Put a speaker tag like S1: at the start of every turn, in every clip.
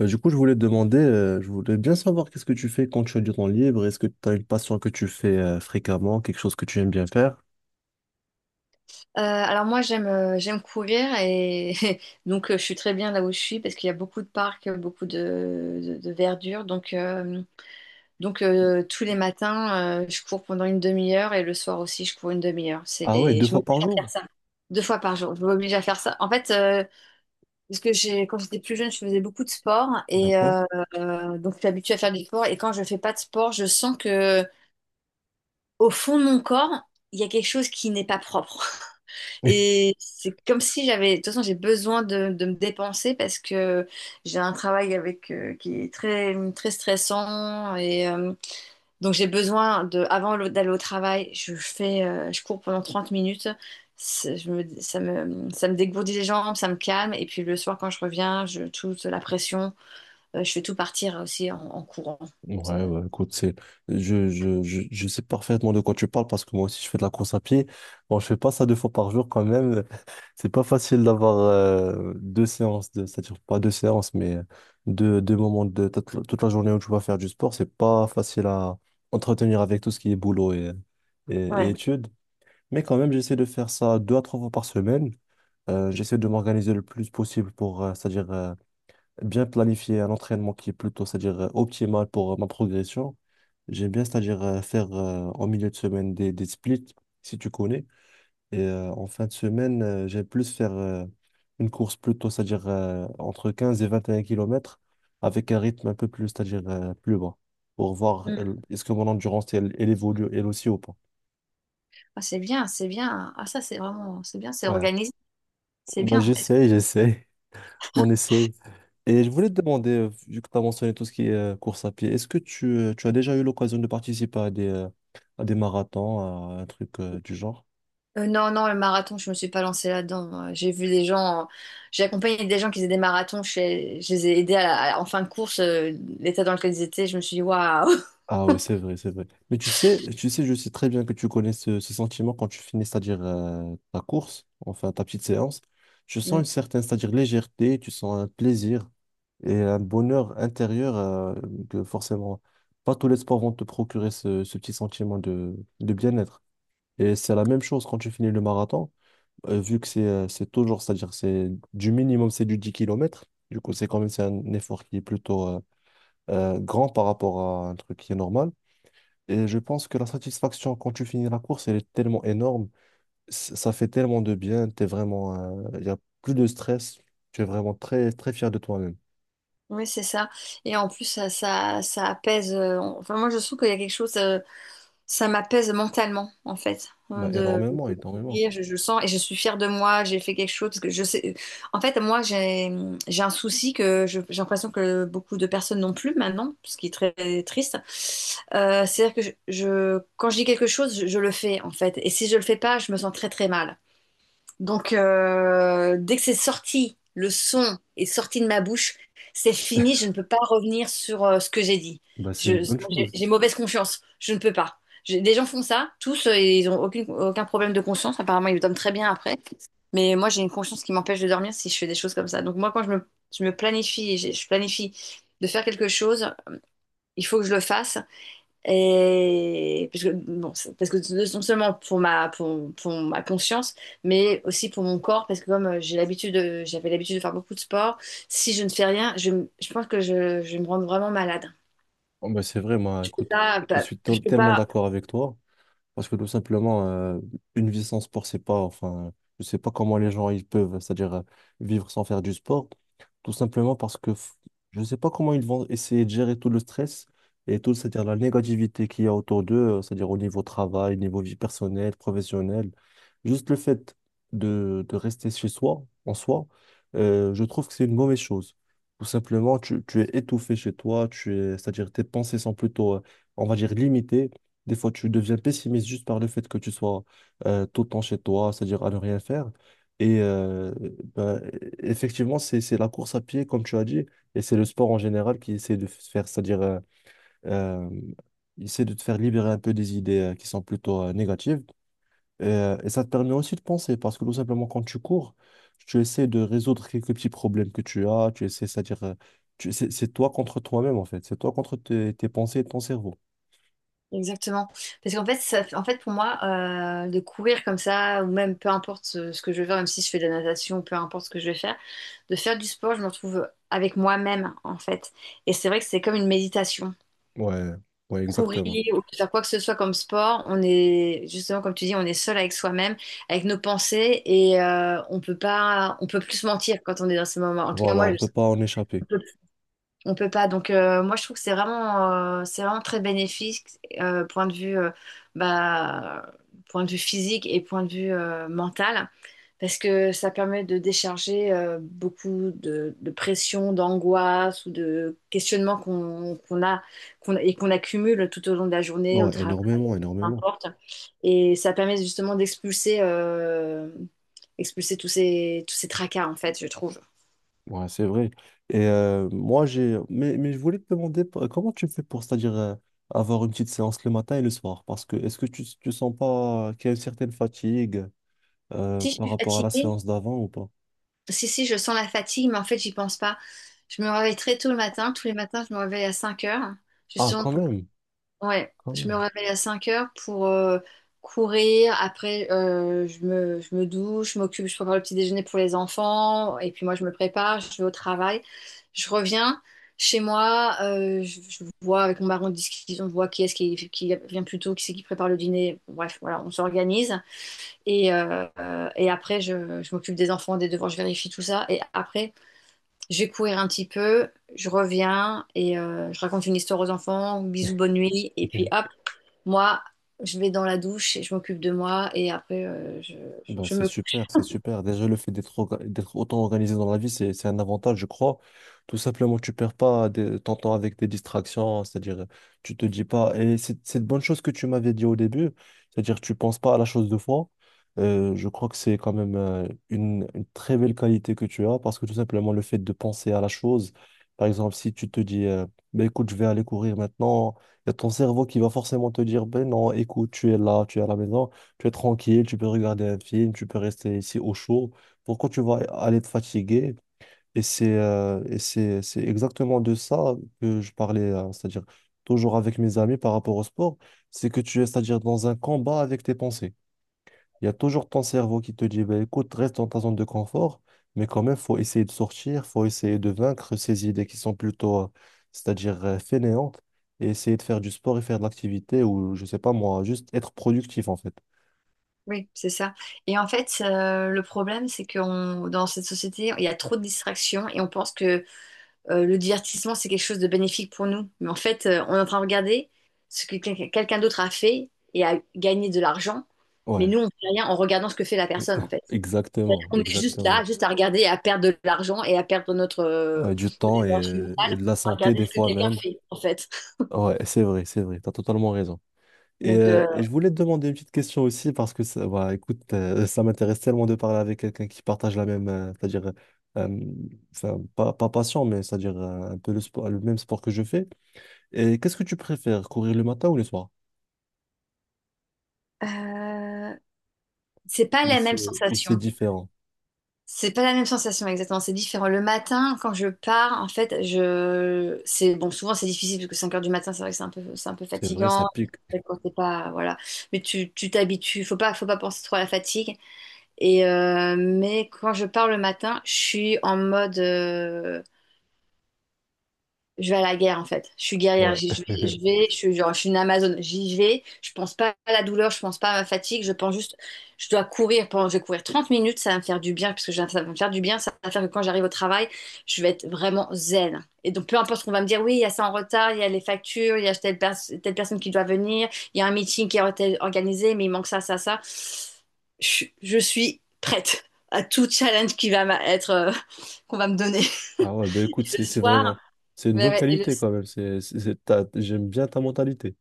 S1: Du coup, je voulais te demander, je voulais bien savoir qu'est-ce que tu fais quand tu as du temps libre. Est-ce que tu as une passion que tu fais fréquemment, quelque chose que tu aimes bien faire?
S2: Alors moi j'aime courir et donc je suis très bien là où je suis parce qu'il y a beaucoup de parcs, beaucoup de verdure. Donc, tous les matins je cours pendant une demi-heure et le soir aussi je cours une demi-heure.
S1: Ah ouais, deux
S2: Je
S1: fois
S2: m'oblige
S1: par
S2: à faire
S1: jour.
S2: ça. Deux fois par jour, je m'oblige à faire ça. En fait, parce que quand j'étais plus jeune, je faisais beaucoup de sport et
S1: D'accord.
S2: donc je suis habituée à faire du sport. Et quand je fais pas de sport, je sens que au fond de mon corps, il y a quelque chose qui n'est pas propre. Et c'est comme si de toute façon, j'ai besoin de me dépenser parce que j'ai un travail avec qui est très très stressant et donc j'ai besoin avant d'aller au travail, je cours pendant 30 minutes. C'est- je me- ça me, ça me dégourdit les jambes, ça me calme. Et puis le soir, quand je reviens, je touche la pression. Je fais tout partir aussi en courant. Ça-
S1: Ouais, ouais, écoute, je sais parfaitement de quoi tu parles parce que moi aussi je fais de la course à pied. Bon, je fais pas ça deux fois par jour quand même. C'est pas facile d'avoir deux séances, c'est-à-dire pas deux séances, mais deux moments de toute la journée où tu vas faire du sport. C'est pas facile à entretenir avec tout ce qui est boulot et
S2: ouais.
S1: études. Mais quand même, j'essaie de faire ça deux à trois fois par semaine. J'essaie de m'organiser le plus possible pour, c'est-à-dire, bien planifier un entraînement qui est plutôt, c'est-à-dire, optimal pour ma progression. J'aime bien, c'est-à-dire, faire en milieu de semaine des splits, si tu connais. Et en fin de semaine, j'aime plus faire une course plutôt, c'est-à-dire, entre 15 et 21 kilomètres avec un rythme un peu plus, c'est-à-dire, plus bas pour voir est-ce que mon endurance, elle, elle évolue elle aussi ou pas.
S2: Ah, c'est bien, c'est bien. Ah, ça, c'est vraiment, c'est bien, c'est
S1: Ouais,
S2: organisé. C'est
S1: bah,
S2: bien.
S1: j'essaie, j'essaie. On essaye. Et je voulais te demander, vu que tu as mentionné tout ce qui est course à pied, est-ce que tu as déjà eu l'occasion de participer à à des marathons, à un truc du genre?
S2: Non, non, le marathon, je me suis pas lancée là-dedans. J'ai vu des gens, j'ai accompagné des gens qui faisaient des marathons. Je les ai aidés en fin de course, l'état dans lequel ils étaient. Je me suis dit, waouh!
S1: Ah oui, c'est vrai, c'est vrai. Mais tu sais, je sais très bien que tu connais ce sentiment quand tu finis, c'est-à-dire ta course, enfin ta petite séance. Tu sens une
S2: Mm.
S1: certaine, c'est-à-dire légèreté, tu sens un plaisir et un bonheur intérieur que forcément, pas tous les sports vont te procurer ce petit sentiment de bien-être. Et c'est la même chose quand tu finis le marathon, vu que c'est toujours, c'est-à-dire c'est du minimum, c'est du 10 kilomètres. Du coup, c'est quand même c'est un effort qui est plutôt grand par rapport à un truc qui est normal. Et je pense que la satisfaction quand tu finis la course, elle est tellement énorme. Ça fait tellement de bien. T'es vraiment, il n'y a plus de stress. Tu es vraiment très, très fier de toi-même.
S2: Oui, c'est ça. Et en plus, ça apaise. Enfin, moi, je trouve qu'il y a quelque chose, ça m'apaise mentalement, en fait.
S1: Bah, énormément, énormément.
S2: Sourire, je le sens et je suis fière de moi, j'ai fait quelque chose parce que je sais. En fait, moi, j'ai un souci j'ai l'impression que beaucoup de personnes n'ont plus maintenant, ce qui est très triste. C'est-à-dire que quand je dis quelque chose, je le fais en fait. Et si je le fais pas, je me sens très très mal. Donc, dès que c'est sorti, le son est sorti de ma bouche, c'est fini, je ne peux pas revenir sur ce que j'ai dit.
S1: Bah, c'est une
S2: Je-
S1: bonne
S2: j'ai
S1: chose.
S2: j'ai mauvaise conscience, je ne peux pas. Des gens font ça, tous, et ils n'ont aucune, aucun problème de conscience, apparemment ils dorment très bien après. Mais moi j'ai une conscience qui m'empêche de dormir si je fais des choses comme ça. Donc moi quand je me planifie, et je planifie de faire quelque chose, il faut que je le fasse. Et parce que, bon, parce que non seulement pour ma conscience, mais aussi pour mon corps, parce que comme j'avais l'habitude de faire beaucoup de sport, si je ne fais rien, je pense que je vais me rendre vraiment malade.
S1: Oh, bah, c'est vrai, moi, écoute, je suis
S2: Je peux
S1: tellement
S2: pas.
S1: d'accord avec toi. Parce que tout simplement, une vie sans sport, c'est pas, enfin, je sais pas comment les gens ils peuvent, c'est-à-dire vivre sans faire du sport. Tout simplement parce que je sais pas comment ils vont essayer de gérer tout le stress et tout, c'est-à-dire la négativité qu'il y a autour d'eux, c'est-à-dire au niveau travail, niveau vie personnelle, professionnelle. Juste le fait de rester chez soi, en soi, je trouve que c'est une mauvaise chose. Tout simplement, tu es étouffé chez toi, tu es, c'est-à-dire tes pensées sont plutôt, on va dire, limitées des fois, tu deviens pessimiste juste par le fait que tu sois tout le temps chez toi, c'est-à-dire à ne rien faire. Et ben, effectivement, c'est la course à pied, comme tu as dit, et c'est le sport en général qui essaie de faire, c'est-à-dire, euh, il essaie de te faire libérer un peu des idées qui sont plutôt négatives. Et ça te permet aussi de penser, parce que tout simplement, quand tu cours, tu essaies de résoudre quelques petits problèmes que tu as, tu essaies, c'est-à-dire, c'est toi contre toi-même, en fait. C'est toi contre tes pensées et ton cerveau.
S2: Exactement. Parce qu'en fait, en fait, pour moi, de courir comme ça, ou même peu importe ce que je veux faire, même si je fais de la natation, peu importe ce que je vais faire, de faire du sport, je me retrouve avec moi-même, en fait. Et c'est vrai que c'est comme une méditation.
S1: Ouais, ouais, exactement.
S2: Courir ou faire quoi que ce soit comme sport, on est justement comme tu dis, on est seul avec soi-même, avec nos pensées et on peut pas, on peut plus se mentir quand on est dans ces moments. En tout cas,
S1: Voilà,
S2: moi,
S1: on ne
S2: je
S1: peut pas en échapper.
S2: on peut pas. Donc, moi, je trouve que c'est vraiment très bénéfique, euh, point de vue, euh, bah, point de vue physique et point de vue mental, parce que ça permet de décharger beaucoup de pression, d'angoisse ou de questionnements qu'on a, qu'on accumule tout au long de la journée, au
S1: Ouais,
S2: travail,
S1: énormément,
S2: peu
S1: énormément.
S2: importe. Et ça permet justement d'expulser, expulser tous ces tracas, en fait, je trouve.
S1: Ouais, c'est vrai. Et moi, j'ai. Mais je voulais te demander comment tu fais pour, c'est-à-dire, avoir une petite séance le matin et le soir? Parce que est-ce que tu sens pas qu'il y a une certaine fatigue
S2: Si je
S1: par
S2: suis
S1: rapport à la
S2: fatiguée.
S1: séance d'avant ou pas?
S2: Si, si, je sens la fatigue, mais en fait, j'y pense pas. Je me réveille très tôt le matin. Tous les matins, je me réveille à 5h.
S1: Ah,
S2: Justement,
S1: quand
S2: pour...
S1: même,
S2: Ouais,
S1: quand
S2: je me
S1: même.
S2: réveille à 5 heures pour courir. Après, je me douche, je m'occupe, je prépare le petit déjeuner pour les enfants. Et puis moi, je me prépare, je vais au travail. Je reviens chez moi. Je vois avec mon mari, on discute, on voit qui est-ce qui vient plus tôt, qui c'est qui prépare le dîner. Bref, voilà, on s'organise. Et après, je m'occupe des enfants, des devoirs, je vérifie tout ça. Et après, je vais courir un petit peu, je reviens et je raconte une histoire aux enfants, bisous, bonne nuit. Et puis hop, moi, je vais dans la douche et je m'occupe de moi. Et aprèsje-
S1: Bah,
S2: je
S1: c'est
S2: me...
S1: super, c'est super. Déjà, le fait d'être autant organisé dans la vie, c'est un avantage, je crois. Tout simplement, tu perds pas ton temps avec des distractions, c'est-à-dire, tu te dis pas. Et c'est une bonne chose que tu m'avais dit au début, c'est-à-dire, tu penses pas à la chose de fois. Je crois que c'est quand même une très belle qualité que tu as, parce que tout simplement, le fait de penser à la chose, par exemple, si tu te dis, ben, écoute, je vais aller courir maintenant, il y a ton cerveau qui va forcément te dire, ben non, écoute, tu es là, tu es à la maison. Tu es tranquille, tu peux regarder un film, tu peux rester ici au chaud. Pourquoi tu vas aller te fatiguer? Et c'est exactement de ça que je parlais, c'est-à-dire toujours avec mes amis par rapport au sport, c'est que tu es, c'est-à-dire dans un combat avec tes pensées. Il y a toujours ton cerveau qui te dit, bah, écoute, reste dans ta zone de confort, mais quand même, faut essayer de sortir, faut essayer de vaincre ces idées qui sont plutôt, c'est-à-dire fainéantes, et essayer de faire du sport et faire de l'activité, ou je sais pas moi, juste être productif en fait.
S2: Oui, c'est ça. Et en fait, le problème, c'est que dans cette société, il y a trop de distractions et on pense que le divertissement, c'est quelque chose de bénéfique pour nous. Mais en fait, on est en train de regarder ce que quelqu'un d'autre a fait et a gagné de l'argent, mais
S1: Ouais.
S2: nous, on fait rien en regardant ce que fait la personne, en fait. C'est-à-dire
S1: Exactement,
S2: qu'on est juste là,
S1: exactement.
S2: juste à regarder et à perdre de l'argent et à perdre notre
S1: Ouais, du
S2: de
S1: temps et,
S2: l'énergie
S1: et
S2: mentale,
S1: de la
S2: à
S1: santé
S2: regarder
S1: des
S2: ce que
S1: fois
S2: quelqu'un
S1: même.
S2: fait, en fait.
S1: Ouais, c'est vrai, t'as totalement raison. Et,
S2: Donc,
S1: euh, et je voulais te demander une petite question aussi parce que ça, bah, écoute, ça m'intéresse tellement de parler avec quelqu'un qui partage la même, c'est-à-dire, euh, enfin, pas passion, mais c'est-à-dire un peu le sport, le même sport que je fais. Et qu'est-ce que tu préfères, courir le matin ou le soir?
S2: euh, c'est pas
S1: Ou
S2: la
S1: c'est,
S2: même
S1: ou
S2: sensation.
S1: c'est différent?
S2: C'est pas la même sensation exactement, c'est différent. Le matin, quand je pars, en fait, je c'est bon, souvent c'est difficile parce que 5h du matin, c'est vrai que c'est un peu
S1: C'est vrai, ça
S2: fatigant
S1: pique.
S2: quand t'es pas voilà, mais tu t'habitues, faut pas penser trop à la fatigue et mais quand je pars le matin, je suis en mode je vais à la guerre en fait. Je suis guerrière.
S1: Ouais.
S2: Je vais, je vais, je suis genre, je suis une Amazone. J'y vais. Je pense pas à la douleur. Je pense pas à ma fatigue. Je pense juste, je dois courir. Je vais courir 30 minutes. Ça va me faire du bien parce que ça va me faire du bien. Ça va faire que quand j'arrive au travail, je vais être vraiment zen. Et donc peu importe ce qu'on va me dire. Oui, il y a ça en retard. Il y a les factures. Il y a telle personne qui doit venir. Il y a un meeting qui est organisé, mais il manque ça, ça, ça. Je suis prête à tout challenge qui va être qu'on va me donner.
S1: Ah ouais, ben écoute, c'est
S2: Le
S1: c'est
S2: soir.
S1: vraiment... C'est une
S2: Ouais,
S1: bonne
S2: ouais. et le
S1: qualité quand même. J'aime bien ta mentalité.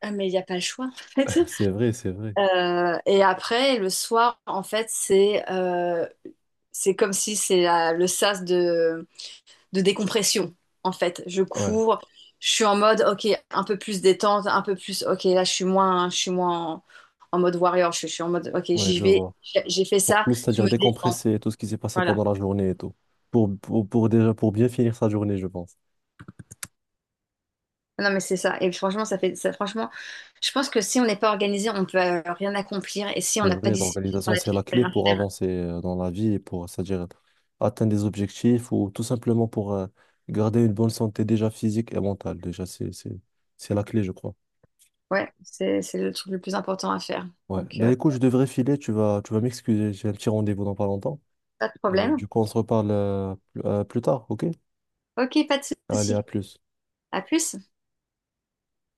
S2: Ah, mais il n'y a pas le choix, en fait.
S1: C'est vrai, c'est vrai.
S2: Et après, le soir, en fait, c'est comme si le sas de décompression, en fait. Je
S1: Ouais,
S2: cours, je suis en mode, ok, un peu plus détente, un peu plus, ok, là, je suis moins en mode warrior, je suis en mode, ok,
S1: ouais,
S2: j'y
S1: je
S2: vais,
S1: vois.
S2: j'ai fait
S1: Pour
S2: ça,
S1: plus,
S2: je
S1: c'est-à-dire
S2: me détends.
S1: décompresser tout ce qui s'est passé
S2: Voilà.
S1: pendant la journée et tout. Pour déjà, pour bien finir sa journée, je pense.
S2: Non, mais c'est ça. Et franchement, ça fait ça, franchement, je pense que si on n'est pas organisé, on peut rien accomplir. Et si on
S1: C'est
S2: n'a pas
S1: vrai,
S2: discipline
S1: l'organisation,
S2: dans la vie,
S1: c'est
S2: on
S1: la
S2: peut
S1: clé
S2: rien
S1: pour
S2: faire.
S1: avancer dans la vie et pour, c'est-à-dire atteindre des objectifs ou tout simplement pour garder une bonne santé déjà physique et mentale. Déjà, c'est la clé, je crois.
S2: Ouais, c'est le truc le plus important à faire.
S1: Ouais.
S2: Donc,
S1: Ben écoute, je devrais filer. Tu vas m'excuser. J'ai un petit rendez-vous dans pas longtemps.
S2: pas de
S1: Et
S2: problème.
S1: du coup, on se reparle plus tard, ok?
S2: Ok, pas de
S1: Allez, à
S2: souci.
S1: plus.
S2: À plus.